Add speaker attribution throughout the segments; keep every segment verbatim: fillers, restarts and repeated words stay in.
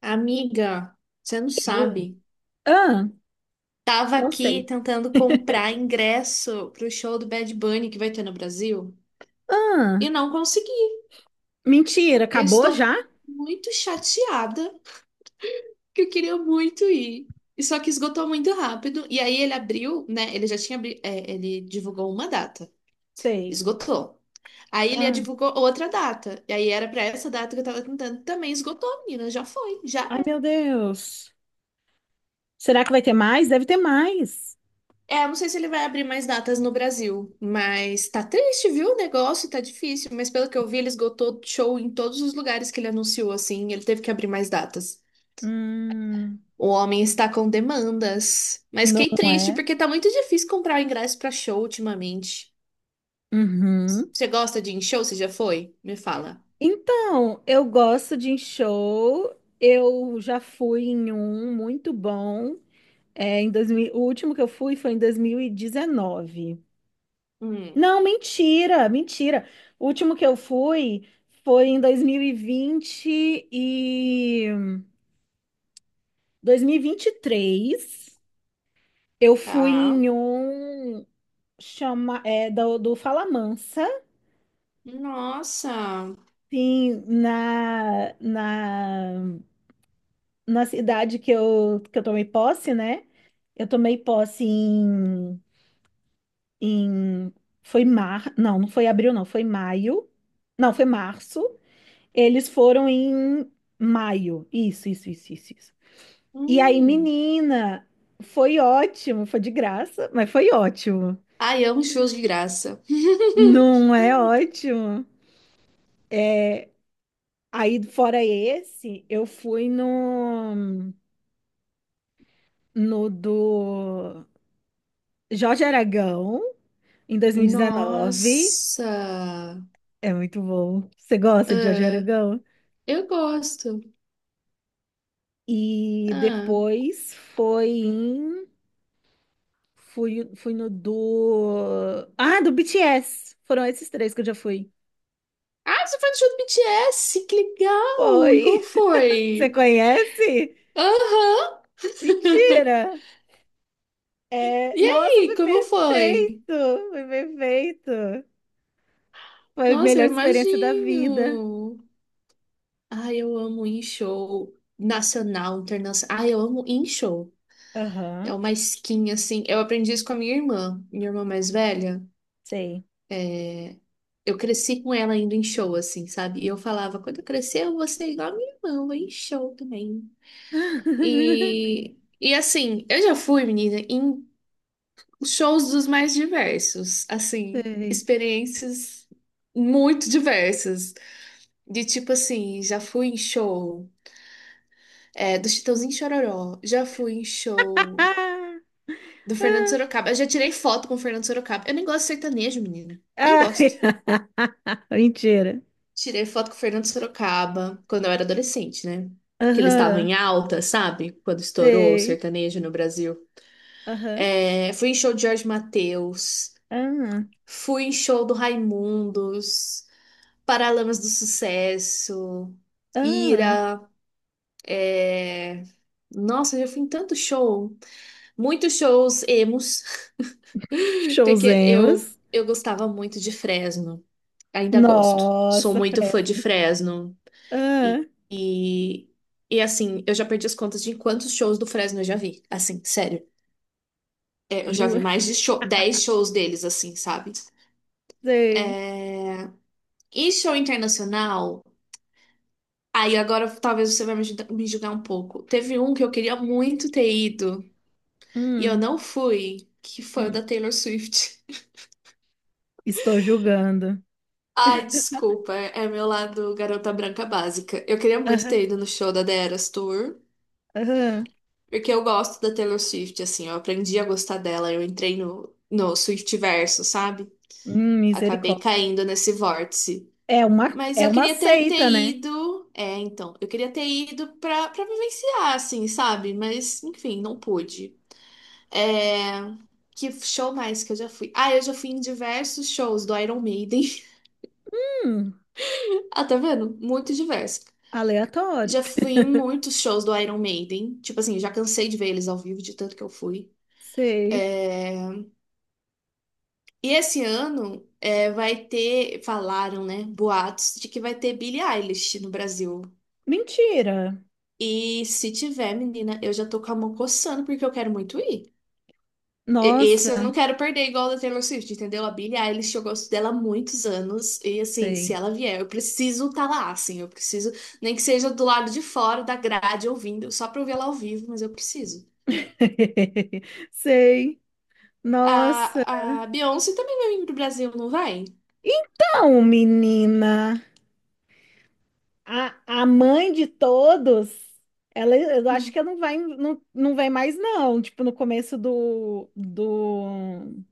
Speaker 1: Amiga, você não
Speaker 2: Eu?
Speaker 1: sabe.
Speaker 2: Ah,
Speaker 1: Tava
Speaker 2: não
Speaker 1: aqui
Speaker 2: sei.
Speaker 1: tentando comprar ingresso pro show do Bad Bunny que vai ter no Brasil
Speaker 2: Ah,
Speaker 1: e não consegui.
Speaker 2: mentira,
Speaker 1: Eu
Speaker 2: acabou
Speaker 1: estou
Speaker 2: já?
Speaker 1: muito chateada que eu queria muito ir. E só que esgotou muito rápido. E aí ele abriu, né? Ele já tinha, abri- é, ele divulgou uma data.
Speaker 2: Sei.
Speaker 1: Esgotou. Aí ele
Speaker 2: Ah,
Speaker 1: divulgou outra data. E aí era pra essa data que eu tava tentando. Também esgotou, menina. Já foi. Já
Speaker 2: ai, meu Deus. Será que vai ter mais? Deve ter mais.
Speaker 1: é, eu não sei se ele vai abrir mais datas no Brasil, mas tá triste, viu? O negócio tá difícil, mas pelo que eu vi, ele esgotou show em todos os lugares que ele anunciou, assim, ele teve que abrir mais datas.
Speaker 2: Hum.
Speaker 1: O homem está com demandas, mas
Speaker 2: Não
Speaker 1: fiquei triste
Speaker 2: é?
Speaker 1: porque tá muito difícil comprar ingresso pra show ultimamente.
Speaker 2: Uhum.
Speaker 1: Você gosta de ir em show? Você já foi? Me fala.
Speaker 2: Então, eu gosto de ir em show. Eu já fui em um muito bom. É, em dois mil. O último que eu fui foi em dois mil e dezenove.
Speaker 1: Hum,
Speaker 2: Não, mentira, mentira. O último que eu fui foi em dois mil e vinte vinte e e e dois mil e vinte e três. Eu fui
Speaker 1: tá.
Speaker 2: em um chama é do, do Falamansa,
Speaker 1: Nossa.
Speaker 2: sim, na, na na cidade que eu que eu tomei posse, né? Eu tomei posse, em em foi mar, não, não foi abril, não, foi maio. Não, foi março. Eles foram em maio. Isso, isso, isso, isso, isso. E aí,
Speaker 1: Hum.
Speaker 2: menina, foi ótimo, foi de graça, mas foi ótimo.
Speaker 1: Ai, amo shows de graça.
Speaker 2: Não é ótimo. É, aí, fora esse, eu fui no, no do Jorge Aragão, em dois mil e dezenove.
Speaker 1: Nossa.
Speaker 2: É muito bom. Você gosta de Jorge
Speaker 1: Ah.
Speaker 2: Aragão?
Speaker 1: Eu gosto.
Speaker 2: E
Speaker 1: Ah.
Speaker 2: depois foi em Fui, fui no do. Ah, do B T S. Foram esses três que eu já fui.
Speaker 1: Ah, você foi no show do B T S? Que legal! E como
Speaker 2: Oi. Você
Speaker 1: foi?
Speaker 2: conhece?
Speaker 1: Aham!
Speaker 2: Mentira! É...
Speaker 1: E
Speaker 2: Nossa,
Speaker 1: aí,
Speaker 2: foi
Speaker 1: como foi?
Speaker 2: perfeito! Foi perfeito! Foi a
Speaker 1: Nossa,
Speaker 2: melhor
Speaker 1: eu
Speaker 2: experiência da vida.
Speaker 1: imagino! Ai, eu amo ir em show nacional, internacional. Ai, eu amo ir em show. É
Speaker 2: Aham,
Speaker 1: uma skin, assim. Eu aprendi isso com a minha irmã, minha irmã mais velha.
Speaker 2: sei.
Speaker 1: Eu cresci com ela indo em show, assim, sabe? E eu falava, quando eu crescer, eu vou ser igual a minha irmã, eu vou ir em show também. E, e assim, eu já fui, menina, em shows dos mais diversos, assim,
Speaker 2: Sei.
Speaker 1: experiências muito diversas. De tipo assim, já fui em show é, do Chitãozinho e Chororó, já fui em show do Fernando Sorocaba. Eu já tirei foto com o Fernando Sorocaba. Eu nem gosto de sertanejo, menina. Nem gosto.
Speaker 2: Ai. Mentira.
Speaker 1: Tirei foto com o Fernando Sorocaba quando eu era adolescente, né? Que eles estavam
Speaker 2: Aham,
Speaker 1: em alta, sabe? Quando estourou o
Speaker 2: sei.
Speaker 1: sertanejo no Brasil.
Speaker 2: Aham.
Speaker 1: É, fui em show de Jorge Mateus, fui em show do Raimundos. Paralamas do Sucesso,
Speaker 2: Ah, ah.
Speaker 1: Ira, é... Nossa, eu já fui em tanto show. Muitos shows emos, porque eu,
Speaker 2: Showzemos.
Speaker 1: eu gostava muito de Fresno. Ainda gosto. Sou
Speaker 2: Nossa,
Speaker 1: muito fã de
Speaker 2: Fresno.
Speaker 1: Fresno.
Speaker 2: Ah,
Speaker 1: E, e, e, assim, eu já perdi as contas de quantos shows do Fresno eu já vi. Assim, sério. É, eu já
Speaker 2: ju...
Speaker 1: vi mais de show, dez shows deles, assim, sabe?
Speaker 2: Sei.
Speaker 1: E show internacional. Aí agora talvez você vai me julgar, me julgar um pouco. Teve um que eu queria muito ter ido e eu
Speaker 2: Hum,
Speaker 1: não fui, que foi o
Speaker 2: hum.
Speaker 1: da Taylor Swift.
Speaker 2: Estou julgando.
Speaker 1: Ai, desculpa, é meu lado garota branca básica. Eu queria muito
Speaker 2: Aham,
Speaker 1: ter ido no show da The Eras Tour,
Speaker 2: aham.
Speaker 1: porque eu gosto da Taylor Swift, assim, eu aprendi a gostar dela, eu entrei no, no Swiftiverso, sabe?
Speaker 2: Hum,
Speaker 1: Acabei
Speaker 2: misericórdia.
Speaker 1: caindo nesse vórtice.
Speaker 2: É uma,
Speaker 1: Mas
Speaker 2: é
Speaker 1: eu
Speaker 2: uma
Speaker 1: queria ter, ter
Speaker 2: seita, né?
Speaker 1: ido. É, então, eu queria ter ido pra, pra vivenciar, assim, sabe? Mas, enfim, não pude. É, que show mais que eu já fui? Ah, eu já fui em diversos shows do Iron Maiden.
Speaker 2: Hum,
Speaker 1: Ah, tá vendo? Muito diverso.
Speaker 2: aleatório.
Speaker 1: Já fui em muitos shows do Iron Maiden. Tipo assim, já cansei de ver eles ao vivo, de tanto que eu fui.
Speaker 2: Sei.
Speaker 1: É, e esse ano é, vai ter, falaram, né, boatos de que vai ter Billie Eilish no Brasil.
Speaker 2: Mentira.
Speaker 1: E se tiver, menina, eu já tô com a mão coçando porque eu quero muito ir. E- esse eu
Speaker 2: Nossa,
Speaker 1: não quero perder igual o da Taylor Swift, entendeu? A Billie Eilish, eu gosto dela há muitos anos. E assim, se
Speaker 2: sei.
Speaker 1: ela vier, eu preciso estar lá, assim. Eu preciso, nem que seja do lado de fora da grade, ouvindo, só pra eu ver ela ao vivo, mas eu preciso.
Speaker 2: Sei. Nossa.
Speaker 1: A, a Beyoncé também vai vir pro Brasil, não vai?
Speaker 2: Então, menina. A, a mãe de todos, ela, eu acho que ela não vai, não, não vem mais, não. Tipo, no começo do, do,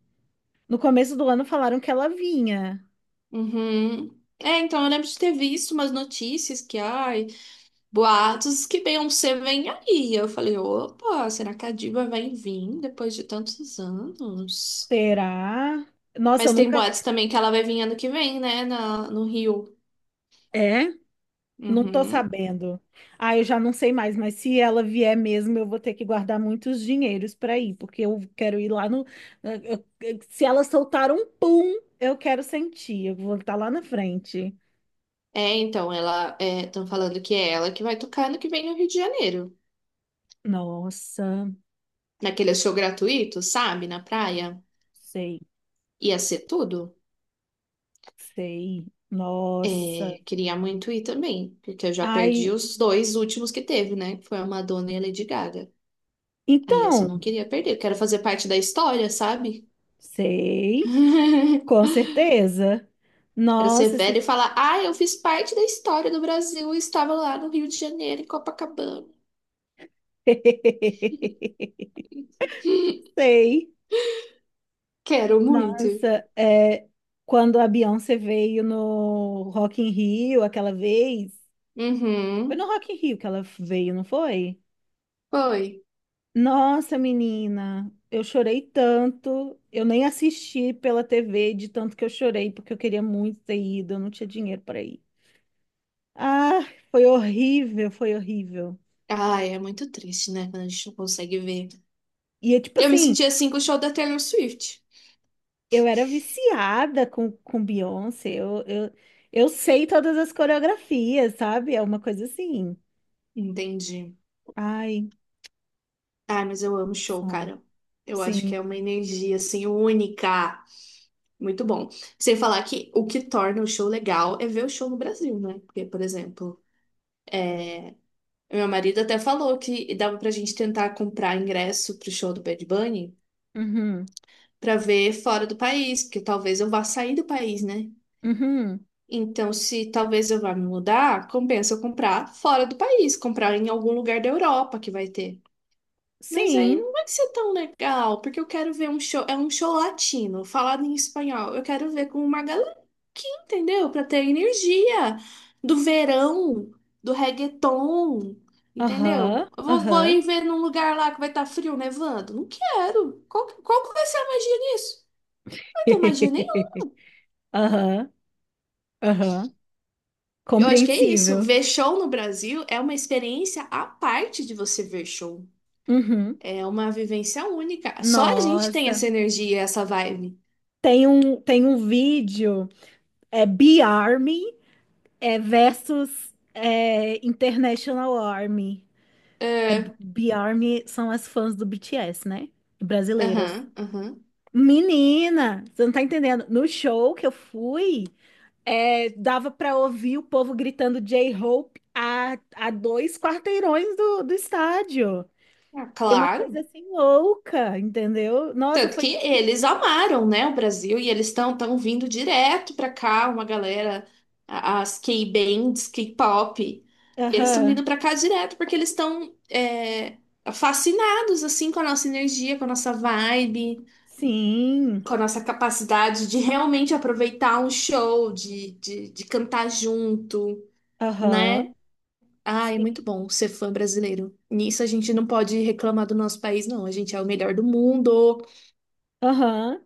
Speaker 2: no começo do ano falaram que ela vinha.
Speaker 1: Uhum. É, então eu lembro de ter visto umas notícias que, ai, boatos que Beyoncé vem aí. Eu falei, opa, será que a diva vai vir depois de tantos anos?
Speaker 2: Será? Nossa, eu
Speaker 1: Mas tem
Speaker 2: nunca
Speaker 1: boatos
Speaker 2: vi.
Speaker 1: também que ela vai vir ano que vem, né? Na, no Rio.
Speaker 2: É? Não tô
Speaker 1: Uhum.
Speaker 2: sabendo. Ah, eu já não sei mais, mas se ela vier mesmo, eu vou ter que guardar muitos dinheiros para ir, porque eu quero ir lá no. Eu- eu- se ela soltar um pum, eu quero sentir. Eu vou estar lá na frente.
Speaker 1: É, então, ela. Estão falando que é ela que vai tocar ano que vem no Rio de Janeiro.
Speaker 2: Nossa,
Speaker 1: Naquele show gratuito, sabe? Na praia.
Speaker 2: sei.
Speaker 1: Ia ser tudo.
Speaker 2: Sei. Nossa.
Speaker 1: É, queria muito ir também, porque eu já perdi
Speaker 2: Ai,
Speaker 1: os dois últimos que teve, né? Que foi a Madonna e a Lady Gaga. Aí esse eu
Speaker 2: então,
Speaker 1: não queria perder. Eu quero fazer parte da história, sabe?
Speaker 2: sei, com certeza.
Speaker 1: Quero ser
Speaker 2: Nossa,
Speaker 1: velha e
Speaker 2: se...
Speaker 1: falar: ah, eu fiz parte da história do Brasil e estava lá no Rio de Janeiro, em Copacabana.
Speaker 2: sei.
Speaker 1: Quero muito.
Speaker 2: Nossa, é, quando a Beyoncé veio no Rock in Rio aquela vez, foi no
Speaker 1: Uhum.
Speaker 2: Rock in Rio que ela veio, não foi?
Speaker 1: Foi.
Speaker 2: Nossa, menina, eu chorei tanto, eu nem assisti pela T V de tanto que eu chorei, porque eu queria muito ter ido, eu não tinha dinheiro para ir. Ah, foi horrível, foi horrível.
Speaker 1: Ai, é muito triste, né? Quando a gente não consegue ver.
Speaker 2: E eu, tipo
Speaker 1: Eu me
Speaker 2: assim,
Speaker 1: senti assim com o show da Taylor Swift.
Speaker 2: eu era viciada com, com Beyoncé. Eu, eu, eu sei todas as coreografias, sabe? É uma coisa assim.
Speaker 1: Entendi.
Speaker 2: Ai,
Speaker 1: Ai, mas eu amo show,
Speaker 2: som.
Speaker 1: cara. Eu acho que é uma
Speaker 2: Sim.
Speaker 1: energia, assim, única. Muito bom. Sem falar que o que torna o show legal é ver o show no Brasil, né? Porque, por exemplo, meu marido até falou que dava pra gente tentar comprar ingresso pro show do Bad Bunny
Speaker 2: Uhum.
Speaker 1: pra ver fora do país, porque talvez eu vá sair do país, né?
Speaker 2: Uhum.
Speaker 1: Então, se talvez eu vá me mudar, compensa eu comprar fora do país, comprar em algum lugar da Europa que vai ter. Mas aí
Speaker 2: Sim.
Speaker 1: não vai ser tão legal, porque eu quero ver um show, é um show latino, falado em espanhol. Eu quero ver com uma galera que entendeu, para ter energia do verão, do reggaeton, entendeu?
Speaker 2: Aham.
Speaker 1: Eu vou, vou
Speaker 2: Aham.
Speaker 1: ir ver num lugar lá que vai estar frio, nevando. Não quero. Qual, qual que vai ser a magia nisso? Não vai ter magia.
Speaker 2: Aham. Aham.
Speaker 1: Eu acho que é isso.
Speaker 2: Compreensível.
Speaker 1: Ver show no Brasil é uma experiência à parte de você ver show.
Speaker 2: Uhum.
Speaker 1: É uma vivência única. Só a gente tem
Speaker 2: Nossa.
Speaker 1: essa energia, essa vibe.
Speaker 2: Tem um, tem um vídeo, é Be Army. É versus é, International Army. É,
Speaker 1: É,
Speaker 2: B-Army são as fãs do B T S, né? Brasileiras.
Speaker 1: aham, aham.
Speaker 2: Menina, você não tá entendendo. No show que eu fui, é, dava pra ouvir o povo gritando J-Hope a, a dois quarteirões do, do estádio.
Speaker 1: Ah,
Speaker 2: E uma coisa
Speaker 1: claro.
Speaker 2: assim louca, entendeu? Nossa,
Speaker 1: Tanto
Speaker 2: foi
Speaker 1: que
Speaker 2: incrível.
Speaker 1: eles amaram, né, o Brasil e eles estão tão tão vindo direto pra cá, uma galera, a- as K-bands, K-pop, eles estão
Speaker 2: Aham.
Speaker 1: vindo pra cá direto porque eles estão é, fascinados assim com a nossa energia, com a nossa vibe.
Speaker 2: Sim.
Speaker 1: Com a nossa capacidade de realmente aproveitar um show, de, de, de cantar junto,
Speaker 2: Aham.
Speaker 1: né? Ah, é
Speaker 2: Sim.
Speaker 1: muito bom ser fã brasileiro. Nisso a gente não pode reclamar do nosso país, não. A gente é o melhor do mundo.
Speaker 2: Aham.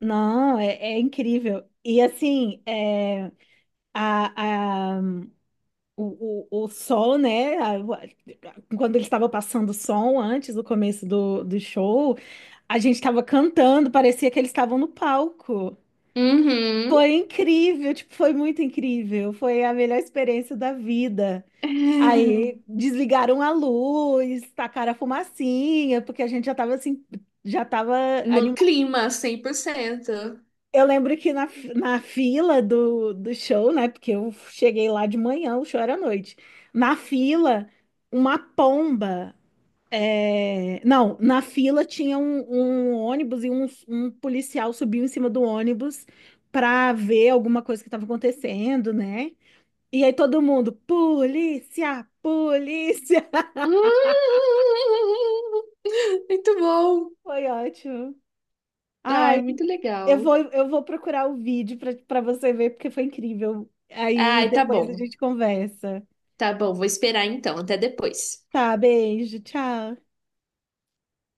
Speaker 2: Não, é, é incrível. E assim, é, a, a, o, o, o sol, né? A- a- quando ele estava passando o som antes do começo do, do show, a gente estava cantando, parecia que eles estavam no palco.
Speaker 1: Uhum.
Speaker 2: Foi incrível, tipo, foi muito incrível. Foi a melhor experiência da vida. Aí desligaram a luz, tacaram a fumacinha, porque a gente já estava assim, já estava.
Speaker 1: No clima, cem por cento.
Speaker 2: Eu lembro que na, fi- na fila do, do show, né? Porque eu cheguei lá de manhã, o show era à noite. Na fila, uma pomba. é, Não, na fila tinha um, um ônibus e um, um policial subiu em cima do ônibus para ver alguma coisa que estava acontecendo, né? E aí todo mundo, polícia, polícia.
Speaker 1: Hum, muito bom.
Speaker 2: Foi ótimo.
Speaker 1: Ai,
Speaker 2: Ai,
Speaker 1: muito
Speaker 2: eu
Speaker 1: legal.
Speaker 2: vou, eu vou procurar o vídeo para para você ver, porque foi incrível. Aí
Speaker 1: Ai, tá
Speaker 2: depois a
Speaker 1: bom.
Speaker 2: gente conversa.
Speaker 1: Tá bom, vou esperar então. Até depois.
Speaker 2: Tá, beijo, tchau.